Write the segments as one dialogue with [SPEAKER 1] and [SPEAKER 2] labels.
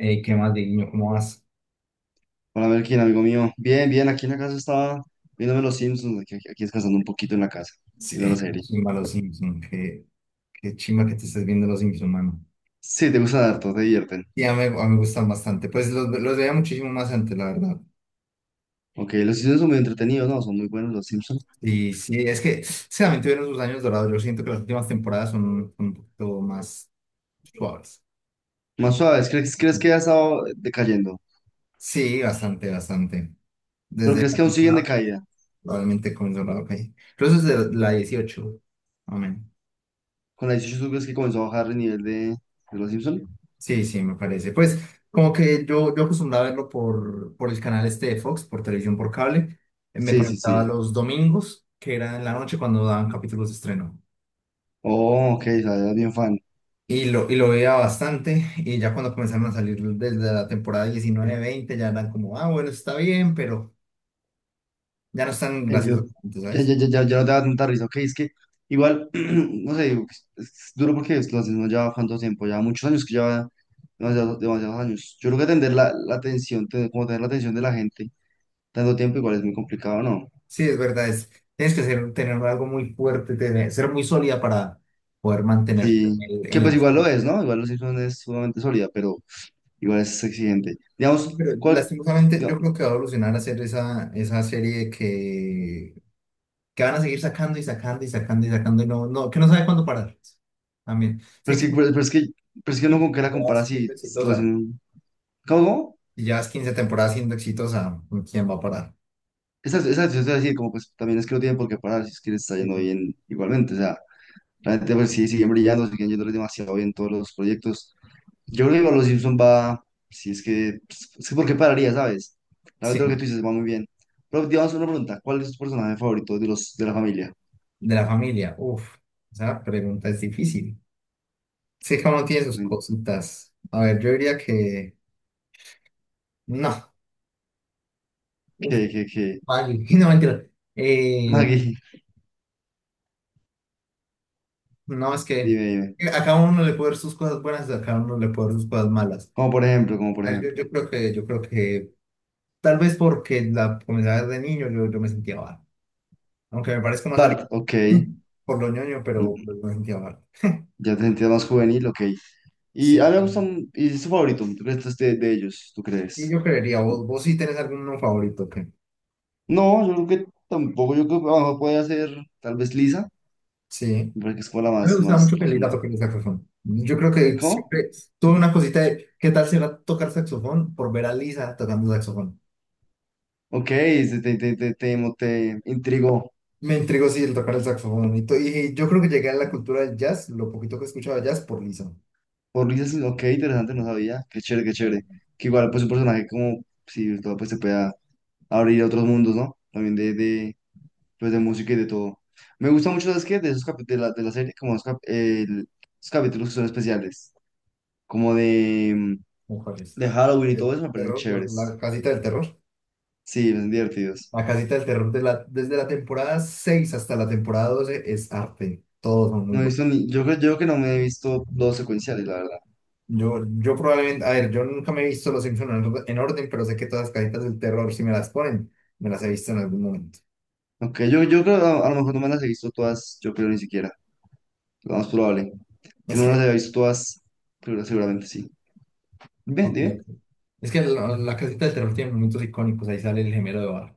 [SPEAKER 1] Ey, ¿qué más, niño? ¿Cómo vas?
[SPEAKER 2] Hola Melkin, amigo mío. Bien, bien, aquí en la casa estaba viéndome los Simpsons, aquí descansando un poquito en la casa,
[SPEAKER 1] Sí.
[SPEAKER 2] viendo la
[SPEAKER 1] Qué
[SPEAKER 2] serie.
[SPEAKER 1] chimba los Simpson. Qué chimba que te estés viendo los Simpson, mano.
[SPEAKER 2] Sí, te gusta harto, te divierten.
[SPEAKER 1] Y a mí me gustan bastante. Pues los veía muchísimo más antes, la verdad.
[SPEAKER 2] Ok, los Simpsons son muy entretenidos, ¿no? Son muy buenos los Simpsons.
[SPEAKER 1] Y sí, es que sí, también tuvieron sus años dorados. Yo siento que las últimas temporadas son un poquito más suaves.
[SPEAKER 2] Más suaves, ¿crees que ha estado decayendo?
[SPEAKER 1] Sí, bastante, bastante.
[SPEAKER 2] ¿Pero
[SPEAKER 1] Desde
[SPEAKER 2] crees
[SPEAKER 1] la
[SPEAKER 2] que aún siguen
[SPEAKER 1] temporada,
[SPEAKER 2] de caída?
[SPEAKER 1] probablemente comenzó la, ok. Incluso desde la 18. Amén.
[SPEAKER 2] ¿Con la 18 crees que comenzó a bajar el nivel de los Simpsons?
[SPEAKER 1] Sí, sí, me parece. Pues como que yo acostumbraba a verlo por el canal este de Fox, por televisión por cable. Me
[SPEAKER 2] Sí, sí,
[SPEAKER 1] conectaba
[SPEAKER 2] sí.
[SPEAKER 1] los domingos, que era en la noche cuando daban capítulos de estreno.
[SPEAKER 2] Oh, ok, o sea, eras bien fan.
[SPEAKER 1] Y lo veía bastante. Y ya cuando comenzaron a salir desde la temporada 19, 20, ya eran como: ah, bueno, está bien, pero ya no están
[SPEAKER 2] Yo,
[SPEAKER 1] graciosos como antes,
[SPEAKER 2] ya,
[SPEAKER 1] ¿sabes?
[SPEAKER 2] ya, ya, ya, ya no te va a dar tanta risa, ok, es que igual, no sé, digo, es duro porque lo hacemos ya cuánto tiempo, ya muchos años que lleva demasiados, demasiados años. Yo creo que atender la atención, como tener la atención de la gente tanto tiempo igual es muy complicado, ¿no?
[SPEAKER 1] Sí, es verdad. Tienes que ser, tener algo muy fuerte, ser muy sólida para poder mantenerte
[SPEAKER 2] Sí, que
[SPEAKER 1] en la...
[SPEAKER 2] pues igual lo es, ¿no? Igual los Simpsons es sumamente sólida, pero igual es exigente. Digamos,
[SPEAKER 1] Pero
[SPEAKER 2] ¿cuál?
[SPEAKER 1] lastimosamente
[SPEAKER 2] diga-
[SPEAKER 1] yo creo que va a evolucionar a ser esa serie que van a seguir sacando y sacando y sacando y sacando y no, no, que no sabe cuándo parar. Pues, también.
[SPEAKER 2] Pero
[SPEAKER 1] Sé
[SPEAKER 2] es
[SPEAKER 1] que
[SPEAKER 2] que, pero es que, pero es que uno
[SPEAKER 1] 15
[SPEAKER 2] con qué la compara
[SPEAKER 1] temporadas
[SPEAKER 2] si
[SPEAKER 1] siendo
[SPEAKER 2] los
[SPEAKER 1] exitosa.
[SPEAKER 2] Simpsons- ¿Cómo?
[SPEAKER 1] Si llevas 15 temporadas siendo exitosa, ¿quién va a parar?
[SPEAKER 2] Exacto, exacto, yo te voy a decir, como pues también es que no tienen por qué parar si es que les está yendo
[SPEAKER 1] Sí.
[SPEAKER 2] bien igualmente, o sea, realmente pues sí, siguen brillando, siguen yéndoles demasiado bien todos los proyectos. Yo creo que igual los Simpson va, si es que, pues, es que por qué pararía, ¿sabes? La verdad lo que tú
[SPEAKER 1] Sí,
[SPEAKER 2] dices va muy bien. Pero pues, digamos una pregunta, ¿cuál es tu personaje favorito de la familia?
[SPEAKER 1] de la familia. Uf, esa pregunta es difícil. Sé que uno tiene sus cositas. A ver, yo diría que no. Uf,
[SPEAKER 2] ¿Qué, qué, qué?
[SPEAKER 1] vale. No, mentira. Eh,
[SPEAKER 2] Maggie,
[SPEAKER 1] No, es que
[SPEAKER 2] dime, dime.
[SPEAKER 1] a cada uno le puede ver sus cosas buenas, a cada uno le puede ver sus cosas malas.
[SPEAKER 2] Como por ejemplo, como por
[SPEAKER 1] A ver, Yo,
[SPEAKER 2] ejemplo.
[SPEAKER 1] yo creo que, yo creo que tal vez porque la comencé a ver de niño, yo me sentía mal. Aunque me parezca más salir
[SPEAKER 2] Bart, ok,
[SPEAKER 1] por lo ñoño,
[SPEAKER 2] no,
[SPEAKER 1] pero me sentía mal.
[SPEAKER 2] ya te sentías más juvenil, ok. Y
[SPEAKER 1] Sí.
[SPEAKER 2] a mí me gusta, y es tu favorito, ¿tú crees que este es de ellos, tú
[SPEAKER 1] Y
[SPEAKER 2] crees?
[SPEAKER 1] yo creería, vos sí tenés alguno favorito, que
[SPEAKER 2] No, yo creo que tampoco. Yo creo que a puede hacer tal vez Lisa,
[SPEAKER 1] sí.
[SPEAKER 2] porque es como la
[SPEAKER 1] A mí me
[SPEAKER 2] más,
[SPEAKER 1] gustaba
[SPEAKER 2] más
[SPEAKER 1] mucho que el
[SPEAKER 2] razonable.
[SPEAKER 1] toque el saxofón. Yo creo que
[SPEAKER 2] ¿Cómo?
[SPEAKER 1] siempre tuve una cosita de qué tal será tocar saxofón por ver a Lisa tocando saxofón.
[SPEAKER 2] Ok, se te intrigó.
[SPEAKER 1] Me intrigó, sí, el tocar el saxofón. Y yo creo que llegué a la cultura del jazz, lo poquito que escuchaba jazz, por Lisa.
[SPEAKER 2] Por Lisa, sí, ok, interesante, no sabía. Qué chévere, qué chévere.
[SPEAKER 1] La-
[SPEAKER 2] Que igual, pues un personaje como, si todo, pues se pueda abrir a otros mundos, ¿no? También de música y de todo. Me gusta mucho, ¿sabes qué? De esos capi- de la serie, como los capítulos que son especiales, como de, mm,
[SPEAKER 1] Mujeres.
[SPEAKER 2] de Halloween y todo
[SPEAKER 1] Del
[SPEAKER 2] eso, me parecen
[SPEAKER 1] terror, por la
[SPEAKER 2] chéveres.
[SPEAKER 1] casita del terror.
[SPEAKER 2] Sí, me parecen divertidos.
[SPEAKER 1] La casita del terror de la, desde la temporada 6 hasta la temporada 12 es arte. Todos son muy
[SPEAKER 2] No he
[SPEAKER 1] buenos.
[SPEAKER 2] visto ni, yo creo que no me he visto los secuenciales, la verdad.
[SPEAKER 1] Yo probablemente, a ver, yo nunca me he visto Los Simpsons en, en orden, pero sé que todas las casitas del terror, si me las ponen, me las he visto en algún momento.
[SPEAKER 2] Aunque yo creo, a lo mejor no me las he visto todas, yo creo ni siquiera, lo más probable. Que
[SPEAKER 1] Es
[SPEAKER 2] no las
[SPEAKER 1] que,
[SPEAKER 2] haya visto todas, pero seguramente sí. Ve,
[SPEAKER 1] ok, ok.
[SPEAKER 2] dime.
[SPEAKER 1] Es que la casita del terror tiene momentos icónicos. Ahí sale el gemelo de Bar.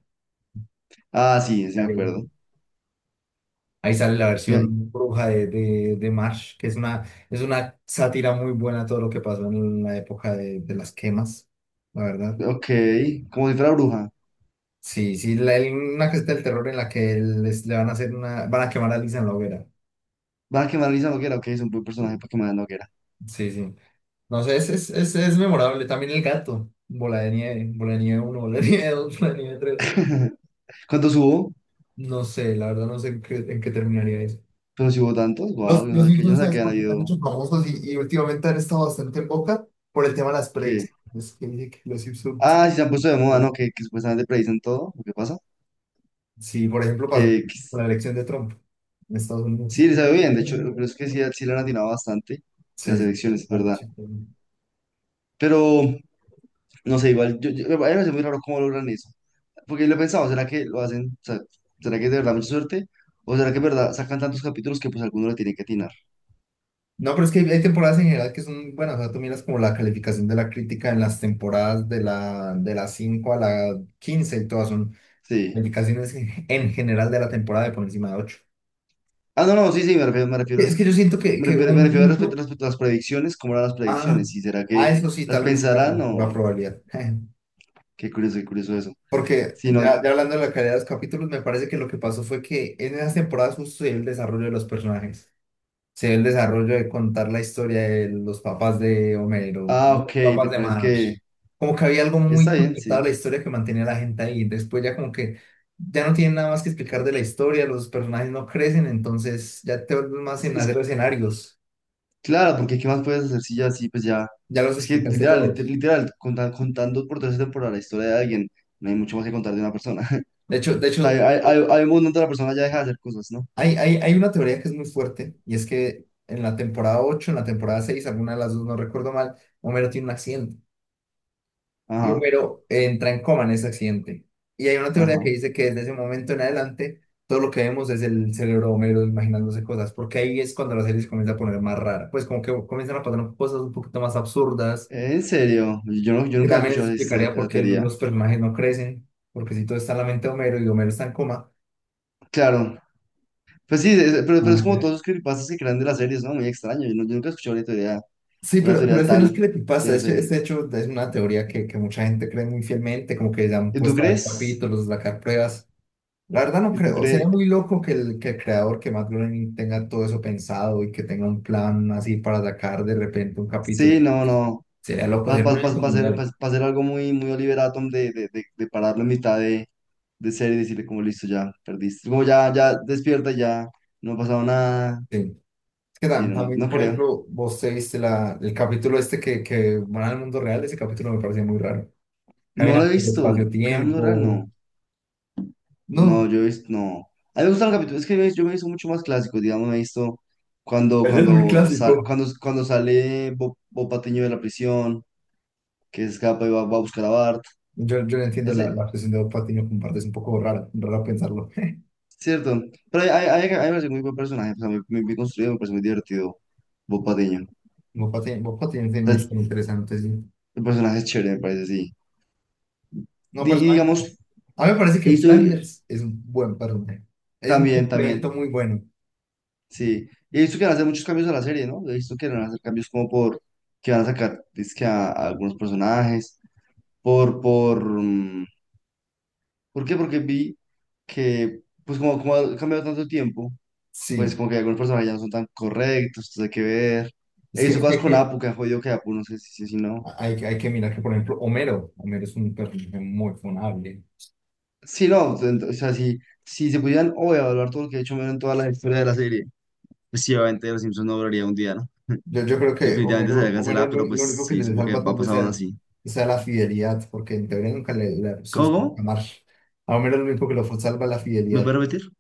[SPEAKER 2] Ah, sí, sí me acuerdo.
[SPEAKER 1] Ahí sale la
[SPEAKER 2] Sí, ah,
[SPEAKER 1] versión bruja de Marsh, que es una sátira muy buena a todo lo que pasó en la época de las quemas, la verdad.
[SPEAKER 2] ok, como si fuera bruja.
[SPEAKER 1] Sí, sí, una gesta del terror en la que le van a quemar a Lisa en la hoguera.
[SPEAKER 2] Van a quemar a Lisa Noguera, ok, es un buen personaje para quemar a Noguera.
[SPEAKER 1] Sí, sí. No sé, es memorable. También el gato, bola de nieve uno, bola de nieve dos, bola de nieve tres.
[SPEAKER 2] ¿Cuántos hubo?
[SPEAKER 1] No sé, la verdad no sé en qué terminaría eso.
[SPEAKER 2] Pero si hubo tantos, wow,
[SPEAKER 1] Los,
[SPEAKER 2] yo no
[SPEAKER 1] los
[SPEAKER 2] sabía que, yo no
[SPEAKER 1] Simpsons
[SPEAKER 2] sabía
[SPEAKER 1] sabes
[SPEAKER 2] que han
[SPEAKER 1] por qué están
[SPEAKER 2] habido,
[SPEAKER 1] hechos famosos y últimamente han estado bastante en boca por el tema de las
[SPEAKER 2] que...
[SPEAKER 1] pregs. Es que dice que los Simpsons, sí,
[SPEAKER 2] Ah, sí se han puesto de moda,
[SPEAKER 1] pues,
[SPEAKER 2] ¿no? Que, supuestamente predicen todo, ¿qué pasa?
[SPEAKER 1] sí, por ejemplo, pasó
[SPEAKER 2] Que,
[SPEAKER 1] con la elección de Trump en Estados
[SPEAKER 2] Sí,
[SPEAKER 1] Unidos.
[SPEAKER 2] le sabe bien, de hecho, pero es que sí, sí le han atinado bastante
[SPEAKER 1] Sí,
[SPEAKER 2] las
[SPEAKER 1] sí,
[SPEAKER 2] elecciones, es
[SPEAKER 1] claro,
[SPEAKER 2] verdad.
[SPEAKER 1] sí, claro. No,
[SPEAKER 2] Pero, no sé, igual, a mí me parece muy raro cómo logran eso. Porque lo he pensado, ¿será que lo hacen? O sea, ¿será que es de verdad mucha suerte? ¿O será que es verdad sacan tantos capítulos que pues alguno le tiene que atinar?
[SPEAKER 1] no, pero es que hay temporadas en general que son buenas. O sea, tú miras como la calificación de la crítica en las temporadas de las 5 a la 15 y todas son
[SPEAKER 2] Sí.
[SPEAKER 1] calificaciones en general de la temporada de por encima de ocho.
[SPEAKER 2] Ah, no, no, sí, sí, me refiero,
[SPEAKER 1] Es que yo siento que, que un
[SPEAKER 2] respecto,
[SPEAKER 1] punto.
[SPEAKER 2] respecto a las predicciones, ¿cómo eran las
[SPEAKER 1] Ah,
[SPEAKER 2] predicciones? ¿Y será
[SPEAKER 1] ah,
[SPEAKER 2] que
[SPEAKER 1] eso sí,
[SPEAKER 2] las
[SPEAKER 1] tal vez sí sea
[SPEAKER 2] pensarán
[SPEAKER 1] por pura
[SPEAKER 2] o?
[SPEAKER 1] probabilidad.
[SPEAKER 2] Qué curioso eso.
[SPEAKER 1] Porque
[SPEAKER 2] Si no,
[SPEAKER 1] ya hablando de la calidad de los capítulos, me parece que lo que pasó fue que en esas temporadas justo se ve el desarrollo de los personajes. Se ve el desarrollo de contar la historia de los papás de Homero,
[SPEAKER 2] ah,
[SPEAKER 1] de
[SPEAKER 2] ok,
[SPEAKER 1] los
[SPEAKER 2] te
[SPEAKER 1] papás de
[SPEAKER 2] parece
[SPEAKER 1] Marge.
[SPEAKER 2] que
[SPEAKER 1] Como que había algo muy
[SPEAKER 2] está bien,
[SPEAKER 1] conectado a la
[SPEAKER 2] sí.
[SPEAKER 1] historia que mantenía a la gente ahí. Después ya como que ya no tienen nada más que explicar de la historia, los personajes no crecen, entonces ya te vuelves más
[SPEAKER 2] Es,
[SPEAKER 1] en hacer
[SPEAKER 2] es
[SPEAKER 1] escenarios.
[SPEAKER 2] Claro, porque ¿qué más puedes hacer si ya así, pues ya?
[SPEAKER 1] Ya los
[SPEAKER 2] Es que
[SPEAKER 1] explicaste
[SPEAKER 2] literal, liter-
[SPEAKER 1] todos.
[SPEAKER 2] literal, conta- contando por tercera temporada la historia de alguien, no hay mucho más que contar de una persona.
[SPEAKER 1] De
[SPEAKER 2] O
[SPEAKER 1] hecho,
[SPEAKER 2] sea, hay un momento donde la persona ya deja de hacer cosas, ¿no?
[SPEAKER 1] hay una teoría que es muy fuerte y es que en la temporada ocho, en la temporada seis, alguna de las dos, no recuerdo mal, Homero tiene un accidente y
[SPEAKER 2] Ajá,
[SPEAKER 1] Homero entra en coma en ese accidente. Y hay una teoría que
[SPEAKER 2] ajá.
[SPEAKER 1] dice que desde ese momento en adelante todo lo que vemos es el cerebro de Homero imaginándose cosas, porque ahí es cuando la serie se comienza a poner más rara, pues como que comienzan a pasar cosas un poquito más absurdas,
[SPEAKER 2] En serio, no, yo
[SPEAKER 1] que
[SPEAKER 2] nunca he
[SPEAKER 1] también eso
[SPEAKER 2] escuchado esta-
[SPEAKER 1] explicaría por
[SPEAKER 2] esa
[SPEAKER 1] qué
[SPEAKER 2] teoría.
[SPEAKER 1] los personajes no crecen, porque si todo está en la mente de Homero y Homero está en coma,
[SPEAKER 2] Claro, pues sí, es- pero,
[SPEAKER 1] no
[SPEAKER 2] pero
[SPEAKER 1] va
[SPEAKER 2] es
[SPEAKER 1] a
[SPEAKER 2] como
[SPEAKER 1] crecer.
[SPEAKER 2] todos los creepypastas que crean de las series, ¿no? Muy extraño, yo nunca he escuchado una teoría,
[SPEAKER 1] Sí,
[SPEAKER 2] una
[SPEAKER 1] pero
[SPEAKER 2] teoría
[SPEAKER 1] ese no es
[SPEAKER 2] tal de
[SPEAKER 1] creepypasta,
[SPEAKER 2] esa
[SPEAKER 1] ese,
[SPEAKER 2] serie.
[SPEAKER 1] ese hecho es una teoría que mucha gente cree muy fielmente, como que ya han
[SPEAKER 2] ¿Y tú
[SPEAKER 1] puesto a ver
[SPEAKER 2] crees?
[SPEAKER 1] capítulos, sacar pruebas. La verdad no
[SPEAKER 2] ¿Y tú
[SPEAKER 1] creo, sería
[SPEAKER 2] crees?
[SPEAKER 1] muy loco que el, que Matt Groening tenga todo eso pensado y que tenga un plan así para sacar de repente un capítulo.
[SPEAKER 2] Sí, no, no.
[SPEAKER 1] Sería loco,
[SPEAKER 2] Para
[SPEAKER 1] sería un evento
[SPEAKER 2] hacer,
[SPEAKER 1] mundial.
[SPEAKER 2] pa- pa hacer algo muy, muy Oliver Atom de pararlo en mitad de serie y decirle como listo, ya perdiste. Como ya, ya despierta, ya no ha pasado nada.
[SPEAKER 1] Sí. Es que
[SPEAKER 2] Sí,
[SPEAKER 1] tam-
[SPEAKER 2] no, no,
[SPEAKER 1] también,
[SPEAKER 2] no
[SPEAKER 1] por
[SPEAKER 2] creo.
[SPEAKER 1] ejemplo, vos te viste el capítulo este que van al mundo real, ese capítulo me pareció muy raro.
[SPEAKER 2] No lo
[SPEAKER 1] Caminan
[SPEAKER 2] he
[SPEAKER 1] por el
[SPEAKER 2] visto. Queda muy raro,
[SPEAKER 1] espacio-tiempo.
[SPEAKER 2] no. No,
[SPEAKER 1] No,
[SPEAKER 2] yo he visto, no. A mí me gustan los capítulos, es que yo me he visto mucho más clásicos, digamos, me he visto cuando,
[SPEAKER 1] ese es muy
[SPEAKER 2] cuando, sal-
[SPEAKER 1] clásico.
[SPEAKER 2] cuando, cuando sale Bob Patiño de la prisión, que se escapa y va a buscar a Bart.
[SPEAKER 1] Yo no entiendo la,
[SPEAKER 2] Ese
[SPEAKER 1] la obsesión de Bob Patiño con partes, un poco raro raro pensarlo.
[SPEAKER 2] Cierto, pero hay me parece muy buen personaje, o sea, muy, muy bien construido, me parece muy divertido, Bob Patiño. O
[SPEAKER 1] Bob Patiño, Bob Patiño tiene una
[SPEAKER 2] sea,
[SPEAKER 1] historia interesante, sí.
[SPEAKER 2] el personaje es chévere, me parece, sí.
[SPEAKER 1] No,
[SPEAKER 2] Y,
[SPEAKER 1] personaje.
[SPEAKER 2] digamos,
[SPEAKER 1] A mí me parece
[SPEAKER 2] y
[SPEAKER 1] que
[SPEAKER 2] estoy
[SPEAKER 1] Flanders es un buen personaje. Es un
[SPEAKER 2] también, también,
[SPEAKER 1] complemento muy bueno.
[SPEAKER 2] sí. Y he visto que van a hacer muchos cambios a la serie, ¿no? He visto que van a hacer cambios como por, que van a sacar, es que a algunos personajes, por, por, mm, ¿por qué? Porque vi que, pues como ha cambiado tanto el tiempo, pues
[SPEAKER 1] Sí.
[SPEAKER 2] como que algunos personajes ya no son tan correctos, entonces hay que ver. He
[SPEAKER 1] Es
[SPEAKER 2] visto
[SPEAKER 1] que,
[SPEAKER 2] cosas
[SPEAKER 1] es
[SPEAKER 2] con
[SPEAKER 1] que,
[SPEAKER 2] Apu, que han jodido que Apu, no sé si no.
[SPEAKER 1] hay, que hay que mirar que, por ejemplo, Homero. Homero es un personaje muy funable.
[SPEAKER 2] Sí, no, o sea, si se pudieran hoy evaluar todo lo que ha hecho Homero en toda la historia de la serie, pues sí, obviamente Los Simpsons no duraría un día, ¿no?
[SPEAKER 1] Yo creo que
[SPEAKER 2] Definitivamente
[SPEAKER 1] Homero,
[SPEAKER 2] sería
[SPEAKER 1] Homero
[SPEAKER 2] cancelada,
[SPEAKER 1] lo,
[SPEAKER 2] pero
[SPEAKER 1] lo
[SPEAKER 2] pues
[SPEAKER 1] único que
[SPEAKER 2] sí,
[SPEAKER 1] se le
[SPEAKER 2] supongo que
[SPEAKER 1] salva
[SPEAKER 2] va a
[SPEAKER 1] tal vez
[SPEAKER 2] pasar aún
[SPEAKER 1] sea,
[SPEAKER 2] así.
[SPEAKER 1] sea la fidelidad, porque en teoría nunca le, se
[SPEAKER 2] ¿Cómo,
[SPEAKER 1] los puede
[SPEAKER 2] cómo?
[SPEAKER 1] amar. A Homero lo único que lo salva es la
[SPEAKER 2] ¿Me
[SPEAKER 1] fidelidad.
[SPEAKER 2] puede repetir?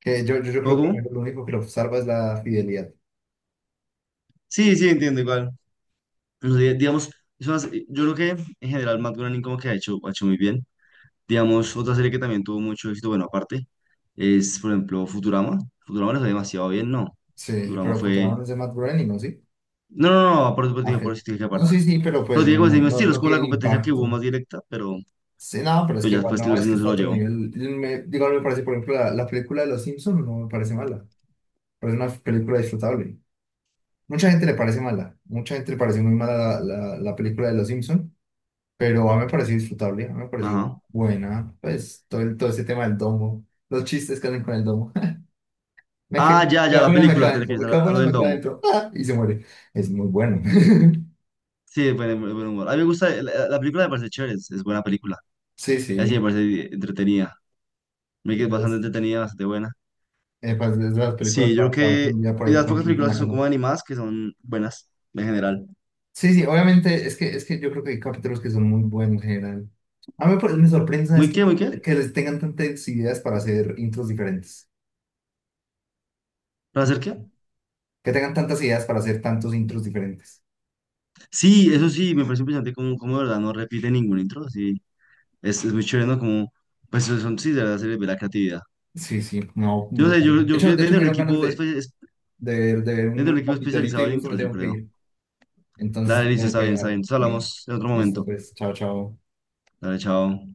[SPEAKER 1] Que yo
[SPEAKER 2] ¿Cómo,
[SPEAKER 1] creo que a mí
[SPEAKER 2] cómo?
[SPEAKER 1] lo único que lo salva es la fidelidad.
[SPEAKER 2] Sí, sí, entiendo igual. Pero digamos, yo creo que en general Matt Groening como que ha hecho muy bien. Digamos, otra serie que también tuvo mucho éxito, bueno, aparte, es, por ejemplo, Futurama. Futurama lo fue demasiado bien, ¿no?
[SPEAKER 1] Sí,
[SPEAKER 2] Futurama
[SPEAKER 1] pero
[SPEAKER 2] fue...
[SPEAKER 1] fotografiaron ese Matt Groening, ¿no? Sí.
[SPEAKER 2] No, no, no, por, por,
[SPEAKER 1] Ah, ok.
[SPEAKER 2] por, por, por,
[SPEAKER 1] No, sí, sí, pero
[SPEAKER 2] Pero
[SPEAKER 1] pues
[SPEAKER 2] tiene
[SPEAKER 1] no,
[SPEAKER 2] como ese
[SPEAKER 1] no,
[SPEAKER 2] mismo
[SPEAKER 1] no,
[SPEAKER 2] estilo, es
[SPEAKER 1] no
[SPEAKER 2] como la
[SPEAKER 1] tiene el
[SPEAKER 2] competencia que hubo
[SPEAKER 1] impacto.
[SPEAKER 2] más directa, pero
[SPEAKER 1] Sí, no, pero es
[SPEAKER 2] pues
[SPEAKER 1] que
[SPEAKER 2] ya
[SPEAKER 1] igual
[SPEAKER 2] después
[SPEAKER 1] no,
[SPEAKER 2] Tilo sí
[SPEAKER 1] es que
[SPEAKER 2] no se
[SPEAKER 1] está a
[SPEAKER 2] lo
[SPEAKER 1] otro
[SPEAKER 2] llevó.
[SPEAKER 1] nivel. Me, digo, no me parece, por ejemplo, la película de Los Simpsons no me parece mala. Pero es una película disfrutable. Mucha gente le parece mala. Mucha gente le parece muy mala la película de Los Simpsons. Pero a mí me pareció disfrutable, a mí me pareció
[SPEAKER 2] Ajá.
[SPEAKER 1] buena. Pues todo, todo ese tema del domo, los chistes que hacen con el domo. Me, me
[SPEAKER 2] Ah, ya, ya,
[SPEAKER 1] cago
[SPEAKER 2] la
[SPEAKER 1] y la me
[SPEAKER 2] película, te
[SPEAKER 1] calento,
[SPEAKER 2] refieres
[SPEAKER 1] me
[SPEAKER 2] a, la-
[SPEAKER 1] cago
[SPEAKER 2] a
[SPEAKER 1] y
[SPEAKER 2] lo
[SPEAKER 1] la
[SPEAKER 2] del
[SPEAKER 1] me
[SPEAKER 2] domo.
[SPEAKER 1] calento. ¡Ah! Y se muere. Es muy bueno.
[SPEAKER 2] Sí, buen humor. A mí me gusta, la película me parece chévere, es buena película.
[SPEAKER 1] Sí,
[SPEAKER 2] Y así me
[SPEAKER 1] sí.
[SPEAKER 2] parece entretenida. Me
[SPEAKER 1] Sí,
[SPEAKER 2] quedé bastante
[SPEAKER 1] es,
[SPEAKER 2] entretenida, bastante buena.
[SPEAKER 1] pues, es de las películas
[SPEAKER 2] Sí, yo creo
[SPEAKER 1] para ver
[SPEAKER 2] que...
[SPEAKER 1] un día por
[SPEAKER 2] Y de
[SPEAKER 1] ahí
[SPEAKER 2] las pocas
[SPEAKER 1] tranquilito en
[SPEAKER 2] películas
[SPEAKER 1] la
[SPEAKER 2] que son
[SPEAKER 1] casa.
[SPEAKER 2] como animadas, que son buenas, en general.
[SPEAKER 1] Sí, sí, obviamente es que yo creo que hay capítulos que son muy buenos en general. A mí pues, me sorprende es
[SPEAKER 2] ¿Muy
[SPEAKER 1] que
[SPEAKER 2] qué, muy qué?
[SPEAKER 1] que les tengan tantas ideas para hacer intros diferentes.
[SPEAKER 2] ¿Para hacer qué?
[SPEAKER 1] Que tengan tantas ideas para hacer tantos intros diferentes.
[SPEAKER 2] Sí, eso sí, me parece impresionante como de verdad no repite ningún intro, sí. Es muy chévere, ¿no? Como, pues son, sí, de verdad se le ve la creatividad.
[SPEAKER 1] Sí, sí, no,
[SPEAKER 2] Yo no sé,
[SPEAKER 1] brutal.
[SPEAKER 2] yo, yo creo
[SPEAKER 1] De
[SPEAKER 2] que
[SPEAKER 1] hecho me
[SPEAKER 2] desde un
[SPEAKER 1] dieron ganas
[SPEAKER 2] equipo,
[SPEAKER 1] de,
[SPEAKER 2] espe- es-
[SPEAKER 1] de ver
[SPEAKER 2] desde un
[SPEAKER 1] un
[SPEAKER 2] equipo
[SPEAKER 1] capitolito
[SPEAKER 2] especializado
[SPEAKER 1] y justo me
[SPEAKER 2] adentro, yo
[SPEAKER 1] tengo que
[SPEAKER 2] creo.
[SPEAKER 1] ir. Entonces te
[SPEAKER 2] Dale, listo,
[SPEAKER 1] tengo
[SPEAKER 2] está
[SPEAKER 1] que
[SPEAKER 2] bien, está
[SPEAKER 1] dejar.
[SPEAKER 2] bien. Entonces hablamos en otro
[SPEAKER 1] Listo,
[SPEAKER 2] momento.
[SPEAKER 1] pues, chao, chao.
[SPEAKER 2] Dale, chao.